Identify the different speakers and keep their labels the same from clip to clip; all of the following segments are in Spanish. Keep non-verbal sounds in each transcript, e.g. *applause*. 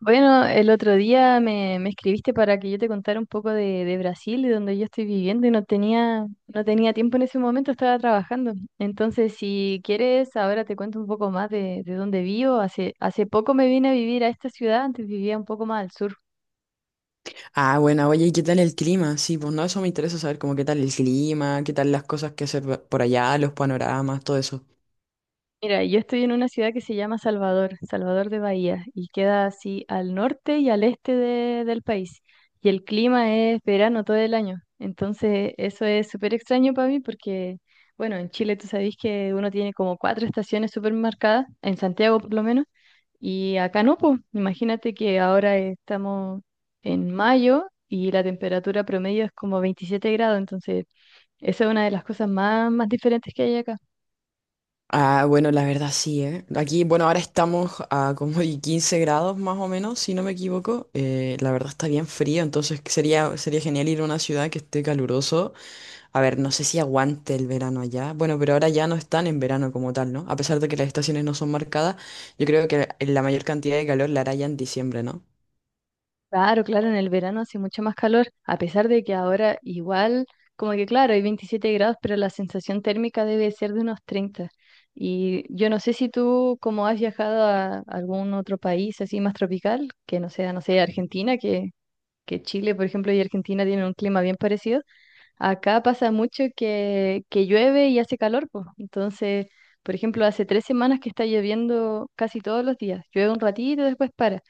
Speaker 1: Bueno, el otro día me escribiste para que yo te contara un poco de Brasil y donde yo estoy viviendo y no tenía tiempo en ese momento, estaba trabajando. Entonces, si quieres, ahora te cuento un poco más de dónde vivo. Hace poco me vine a vivir a esta ciudad, antes vivía un poco más al sur.
Speaker 2: Ah, bueno, oye, ¿y qué tal el clima? Sí, pues no, eso me interesa saber, como qué tal el clima, qué tal las cosas que hacer por allá, los panoramas, todo eso.
Speaker 1: Mira, yo estoy en una ciudad que se llama Salvador, Salvador de Bahía, y queda así al norte y al este del país. Y el clima es verano todo el año. Entonces, eso es súper extraño para mí porque bueno, en Chile tú sabes que uno tiene como cuatro estaciones súper marcadas, en Santiago por lo menos, y acá no, pues. Imagínate que ahora estamos en mayo y la temperatura promedio es como 27 grados, entonces esa es una de las cosas más diferentes que hay acá.
Speaker 2: Ah, bueno, la verdad sí, ¿eh? Aquí, bueno, ahora estamos a como y 15 grados más o menos, si no me equivoco. La verdad está bien frío, entonces sería genial ir a una ciudad que esté caluroso. A ver, no sé si aguante el verano allá. Bueno, pero ahora ya no están en verano como tal, ¿no? A pesar de que las estaciones no son marcadas, yo creo que la mayor cantidad de calor la hará ya en diciembre, ¿no?
Speaker 1: Claro, claro, en el verano hace mucho más calor, a pesar de que ahora igual, como que claro, hay 27 grados, pero la sensación térmica debe ser de unos 30. Y yo no sé si tú, como has viajado a algún otro país así más tropical, que no sea, no sé, Argentina, que Chile, por ejemplo, y Argentina tienen un clima bien parecido. Acá pasa mucho que llueve y hace calor, pues. Entonces, por ejemplo, hace 3 semanas que está lloviendo casi todos los días. Llueve un ratito y después para.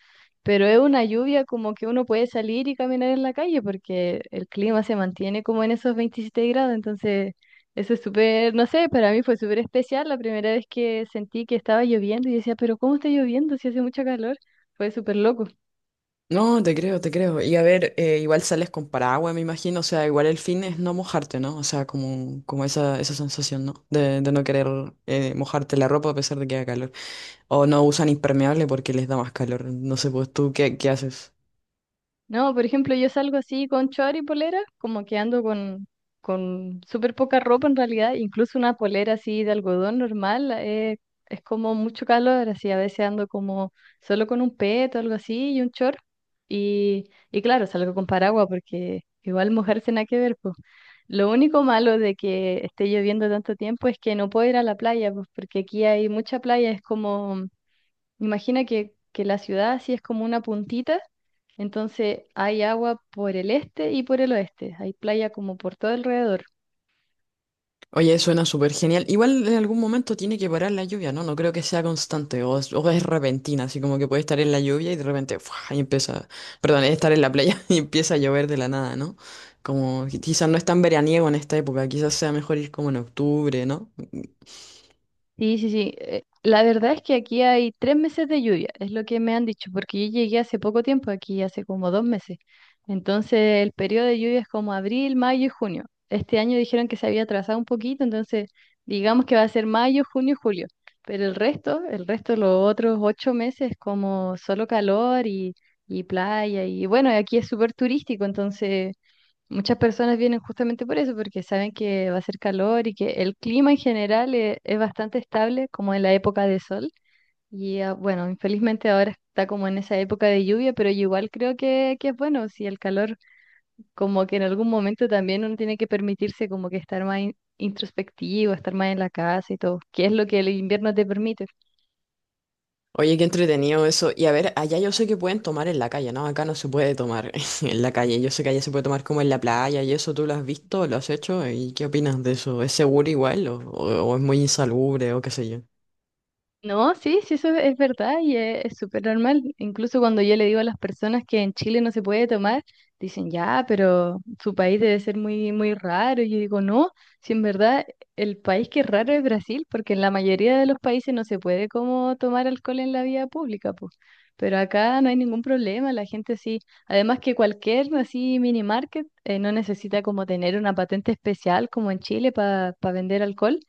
Speaker 1: Pero es una lluvia como que uno puede salir y caminar en la calle porque el clima se mantiene como en esos 27 grados. Entonces, eso es súper, no sé, para mí fue súper especial la primera vez que sentí que estaba lloviendo y decía, pero ¿cómo está lloviendo si hace mucho calor? Fue súper loco.
Speaker 2: No, te creo, te creo. Y a ver, igual sales con paraguas, me imagino. O sea, igual el fin es no mojarte, ¿no? O sea, como, como esa sensación, ¿no? De no querer mojarte la ropa a pesar de que haga calor. O no usan impermeable porque les da más calor. No sé, pues tú, ¿qué haces?
Speaker 1: No, por ejemplo, yo salgo así con short y polera, como que ando con súper poca ropa en realidad, incluso una polera así de algodón normal, es como mucho calor, así a veces ando como solo con un peto, algo así, y un short, y, y claro, salgo con paraguas porque igual mojarse nada que ver, pues. Lo único malo de que esté lloviendo tanto tiempo es que no puedo ir a la playa, pues porque aquí hay mucha playa, es como, imagina que la ciudad así es como una puntita, entonces hay agua por el este y por el oeste. Hay playa como por todo alrededor.
Speaker 2: Oye, suena súper genial. Igual en algún momento tiene que parar la lluvia, ¿no? No creo que sea constante o es repentina, así como que puede estar en la lluvia y de repente, ¡fua! Y empieza, perdón, estar en la playa *laughs* y empieza a llover de la nada, ¿no? Como quizás no es tan veraniego en esta época, quizás sea mejor ir como en octubre, ¿no?
Speaker 1: Sí, sí, sí. La verdad es que aquí hay tres meses de lluvia, es lo que me han dicho, porque yo llegué hace poco tiempo aquí, hace como 2 meses. Entonces el periodo de lluvia es como abril, mayo y junio. Este año dijeron que se había atrasado un poquito, entonces digamos que va a ser mayo, junio y julio. Pero el resto, los otros 8 meses, como solo calor y playa. Y bueno, aquí es súper turístico, entonces muchas personas vienen justamente por eso, porque saben que va a ser calor y que el clima en general es bastante estable, como en la época de sol. Y ah, bueno, infelizmente ahora está como en esa época de lluvia, pero yo igual creo que es bueno, si el calor, como que en algún momento también uno tiene que permitirse como que estar más introspectivo, estar más en la casa y todo, que es lo que el invierno te permite.
Speaker 2: Oye, qué entretenido eso. Y a ver, allá yo sé que pueden tomar en la calle, ¿no? Acá no se puede tomar *laughs* en la calle. Yo sé que allá se puede tomar como en la playa y eso tú lo has visto, lo has hecho. ¿Y qué opinas de eso? ¿Es seguro igual o es muy insalubre o qué sé yo?
Speaker 1: No, sí, sí, eso es verdad y es súper normal. Incluso cuando yo le digo a las personas que en Chile no se puede tomar, dicen, ya, pero su país debe ser muy, muy raro. Y yo digo, no, si en verdad el país que es raro es Brasil, porque en la mayoría de los países no se puede como tomar alcohol en la vía pública, pues. Pero acá no hay ningún problema, la gente sí. Además que cualquier así mini market no necesita como tener una patente especial como en Chile para vender alcohol,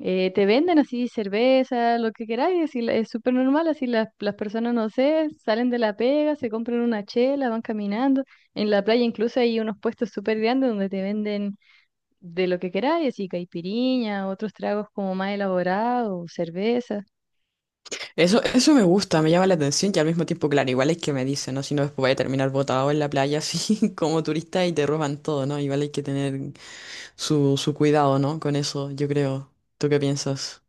Speaker 1: te venden así cerveza, lo que queráis, así es súper normal, así las personas, no sé, salen de la pega, se compran una chela, van caminando. En la playa incluso hay unos puestos súper grandes donde te venden de lo que queráis, así caipiriña, otros tragos como más elaborados, cerveza.
Speaker 2: Eso me gusta, me llama la atención y al mismo tiempo, claro, igual es que me dicen, ¿no? Si no, después voy a terminar botado en la playa así *laughs* como turista y te roban todo, ¿no? Igual hay que tener su cuidado, ¿no? Con eso, yo creo. ¿Tú qué piensas?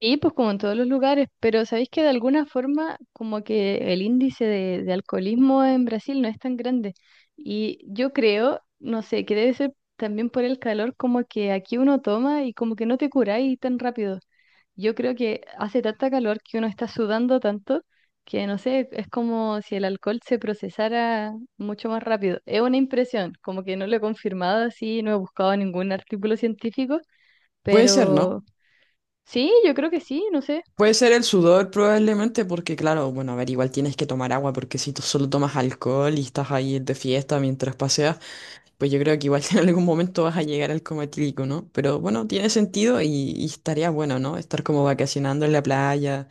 Speaker 1: Sí, pues como en todos los lugares, pero sabéis que de alguna forma como que el índice de alcoholismo en Brasil no es tan grande. Y yo creo, no sé, que debe ser también por el calor, como que aquí uno toma y como que no te curáis tan rápido. Yo creo que hace tanta calor que uno está sudando tanto que no sé, es como si el alcohol se procesara mucho más rápido. Es una impresión, como que no lo he confirmado así, no he buscado ningún artículo científico,
Speaker 2: Puede ser, ¿no?
Speaker 1: pero... Sí, yo creo que sí, no sé.
Speaker 2: Puede ser el sudor probablemente porque, claro, bueno, a ver, igual tienes que tomar agua porque si tú solo tomas alcohol y estás ahí de fiesta mientras paseas, pues yo creo que igual *laughs* en algún momento vas a llegar al coma etílico, ¿no? Pero bueno, tiene sentido y estaría bueno, ¿no? Estar como vacacionando en la playa,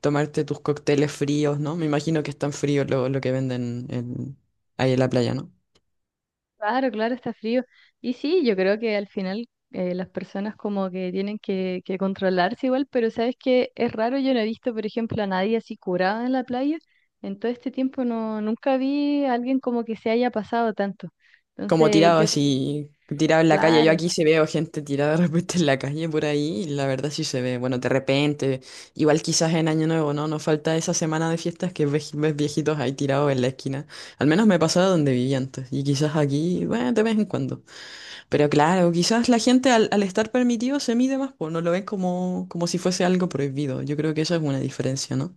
Speaker 2: tomarte tus cócteles fríos, ¿no? Me imagino que están fríos lo que venden ahí en la playa, ¿no?
Speaker 1: Claro, claro, está frío. Y sí, yo creo que al final las personas como que tienen que controlarse igual, pero sabes que es raro, yo no he visto, por ejemplo, a nadie así curada en la playa. En todo este tiempo no, nunca vi a alguien como que se haya pasado tanto.
Speaker 2: Como
Speaker 1: Entonces,
Speaker 2: tirado
Speaker 1: yo,
Speaker 2: así, tirado en la calle. Yo
Speaker 1: claro.
Speaker 2: aquí se veo gente tirada de repente en la calle por ahí y la verdad sí se ve. Bueno, de repente, igual quizás en Año Nuevo, ¿no? Nos falta esa semana de fiestas que ves, ves viejitos ahí tirados en la esquina. Al menos me pasaba donde vivía antes y quizás aquí, bueno, de vez en cuando. Pero claro, quizás la gente al estar permitido se mide más, pues no lo ven como, como si fuese algo prohibido. Yo creo que eso es una diferencia, ¿no?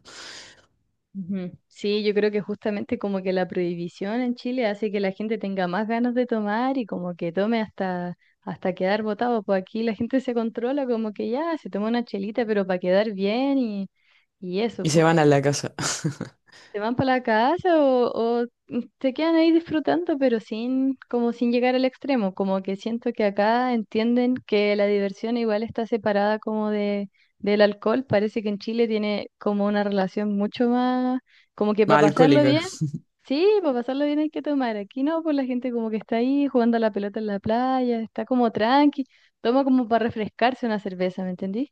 Speaker 1: Ujú. Sí, yo creo que justamente como que la prohibición en Chile hace que la gente tenga más ganas de tomar y como que tome hasta quedar botado. Pues aquí la gente se controla como que ya se toma una chelita, pero para quedar bien y eso,
Speaker 2: Y se
Speaker 1: pues
Speaker 2: van a la casa. *laughs*
Speaker 1: se van para la casa o se quedan ahí disfrutando, pero sin, como sin llegar al extremo, como que siento que acá entienden que la diversión igual está separada como de, del alcohol, parece que en Chile tiene como una relación mucho más, como que
Speaker 2: Más
Speaker 1: para pasarlo
Speaker 2: alcohólica.
Speaker 1: bien, sí, para pasarlo bien hay que tomar, aquí no, pues la gente como que está ahí jugando a la pelota en la playa, está como tranqui, toma como para refrescarse una cerveza, ¿me entendí?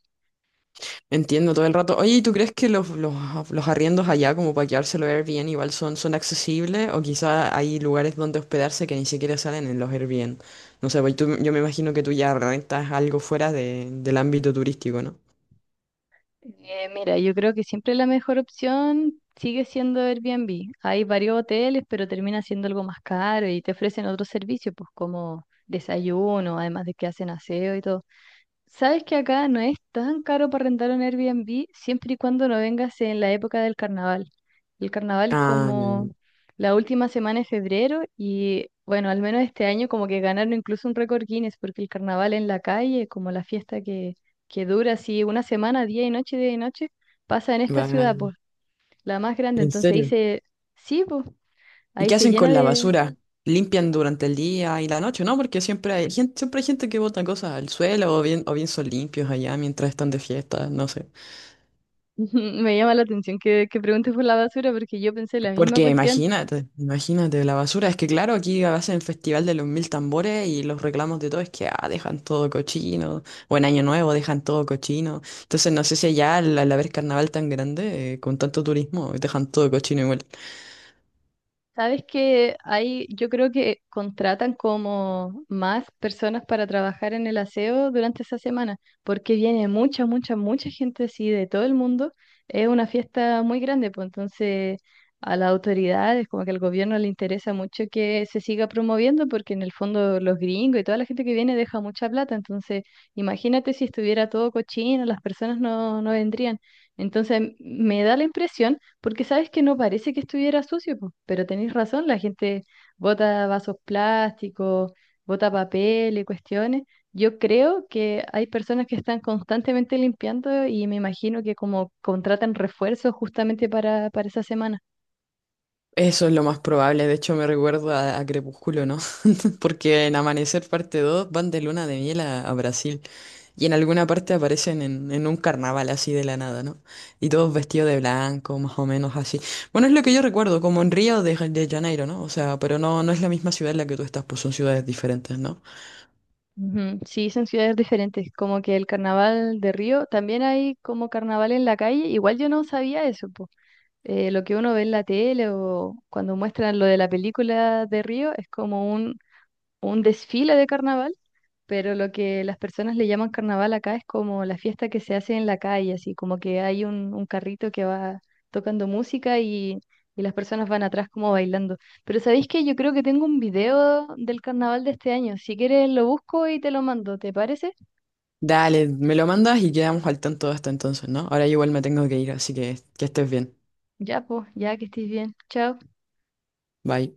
Speaker 2: Entiendo todo el rato. Oye, ¿y tú crees que los arriendos allá, como para quedárselo Airbnb, igual son, son accesibles? O quizás hay lugares donde hospedarse que ni siquiera salen en los Airbnb. No sé, yo me imagino que tú ya rentas algo fuera del ámbito turístico, ¿no?
Speaker 1: Mira, yo creo que siempre la mejor opción sigue siendo Airbnb. Hay varios hoteles, pero termina siendo algo más caro y te ofrecen otros servicios, pues como desayuno, además de que hacen aseo y todo. Sabes que acá no es tan caro para rentar un Airbnb siempre y cuando no vengas en la época del carnaval. El carnaval es
Speaker 2: Ah,
Speaker 1: como la última semana de febrero y bueno, al menos este año como que ganaron incluso un récord Guinness porque el carnaval en la calle, como la fiesta que dura así una semana, día y noche, pasa en esta ciudad,
Speaker 2: vale.
Speaker 1: pues, la más grande.
Speaker 2: ¿En
Speaker 1: Entonces
Speaker 2: serio?
Speaker 1: dice, sí, pues,
Speaker 2: ¿Y
Speaker 1: ahí
Speaker 2: qué
Speaker 1: se
Speaker 2: hacen con
Speaker 1: llena
Speaker 2: la
Speaker 1: de...
Speaker 2: basura? ¿Limpian durante el día y la noche? No, porque siempre hay gente que bota cosas al suelo o bien son limpios allá mientras están de fiesta, no sé.
Speaker 1: *laughs* Me llama la atención que preguntes por la basura porque yo pensé la misma
Speaker 2: Porque
Speaker 1: cuestión.
Speaker 2: imagínate, imagínate, la basura. Es que claro, aquí hacen el Festival de los Mil Tambores y los reclamos de todo es que ah, dejan todo cochino, o en Año Nuevo dejan todo cochino. Entonces no sé si allá al haber carnaval tan grande, con tanto turismo, dejan todo cochino igual.
Speaker 1: Sabes que hay, yo creo que contratan como más personas para trabajar en el aseo durante esa semana, porque viene mucha, mucha, mucha gente así de todo el mundo. Es una fiesta muy grande, pues entonces a las autoridades, como que al gobierno le interesa mucho que se siga promoviendo, porque en el fondo los gringos y toda la gente que viene deja mucha plata. Entonces, imagínate si estuviera todo cochino, las personas no, no vendrían. Entonces, me da la impresión porque sabes que no parece que estuviera sucio, po, pero tenéis razón, la gente bota vasos plásticos, bota papel y cuestiones. Yo creo que hay personas que están constantemente limpiando y me imagino que como contratan refuerzos justamente para esa semana.
Speaker 2: Eso es lo más probable, de hecho me recuerdo a Crepúsculo, ¿no? Porque en Amanecer parte Dos van de luna de miel a Brasil y en alguna parte aparecen en un carnaval así de la nada, ¿no? Y todos vestidos de blanco, más o menos así. Bueno, es lo que yo recuerdo, como en Río de Janeiro, ¿no? O sea, pero no, no es la misma ciudad en la que tú estás, pues son ciudades diferentes, ¿no?
Speaker 1: Ujú. Sí, son ciudades diferentes, como que el carnaval de Río, también hay como carnaval en la calle, igual yo no sabía eso, po. Lo que uno ve en la tele o cuando muestran lo de la película de Río es como un desfile de carnaval, pero lo que las personas le llaman carnaval acá es como la fiesta que se hace en la calle, así como que hay un carrito que va tocando música y las personas van atrás como bailando. Pero ¿sabéis que yo creo que tengo un video del carnaval de este año? Si quieres lo busco y te lo mando, ¿te parece?
Speaker 2: Dale, me lo mandas y quedamos al tanto hasta entonces, ¿no? Ahora igual me tengo que ir, así que estés bien.
Speaker 1: Ya, pues, ya que estés bien. Chao.
Speaker 2: Bye.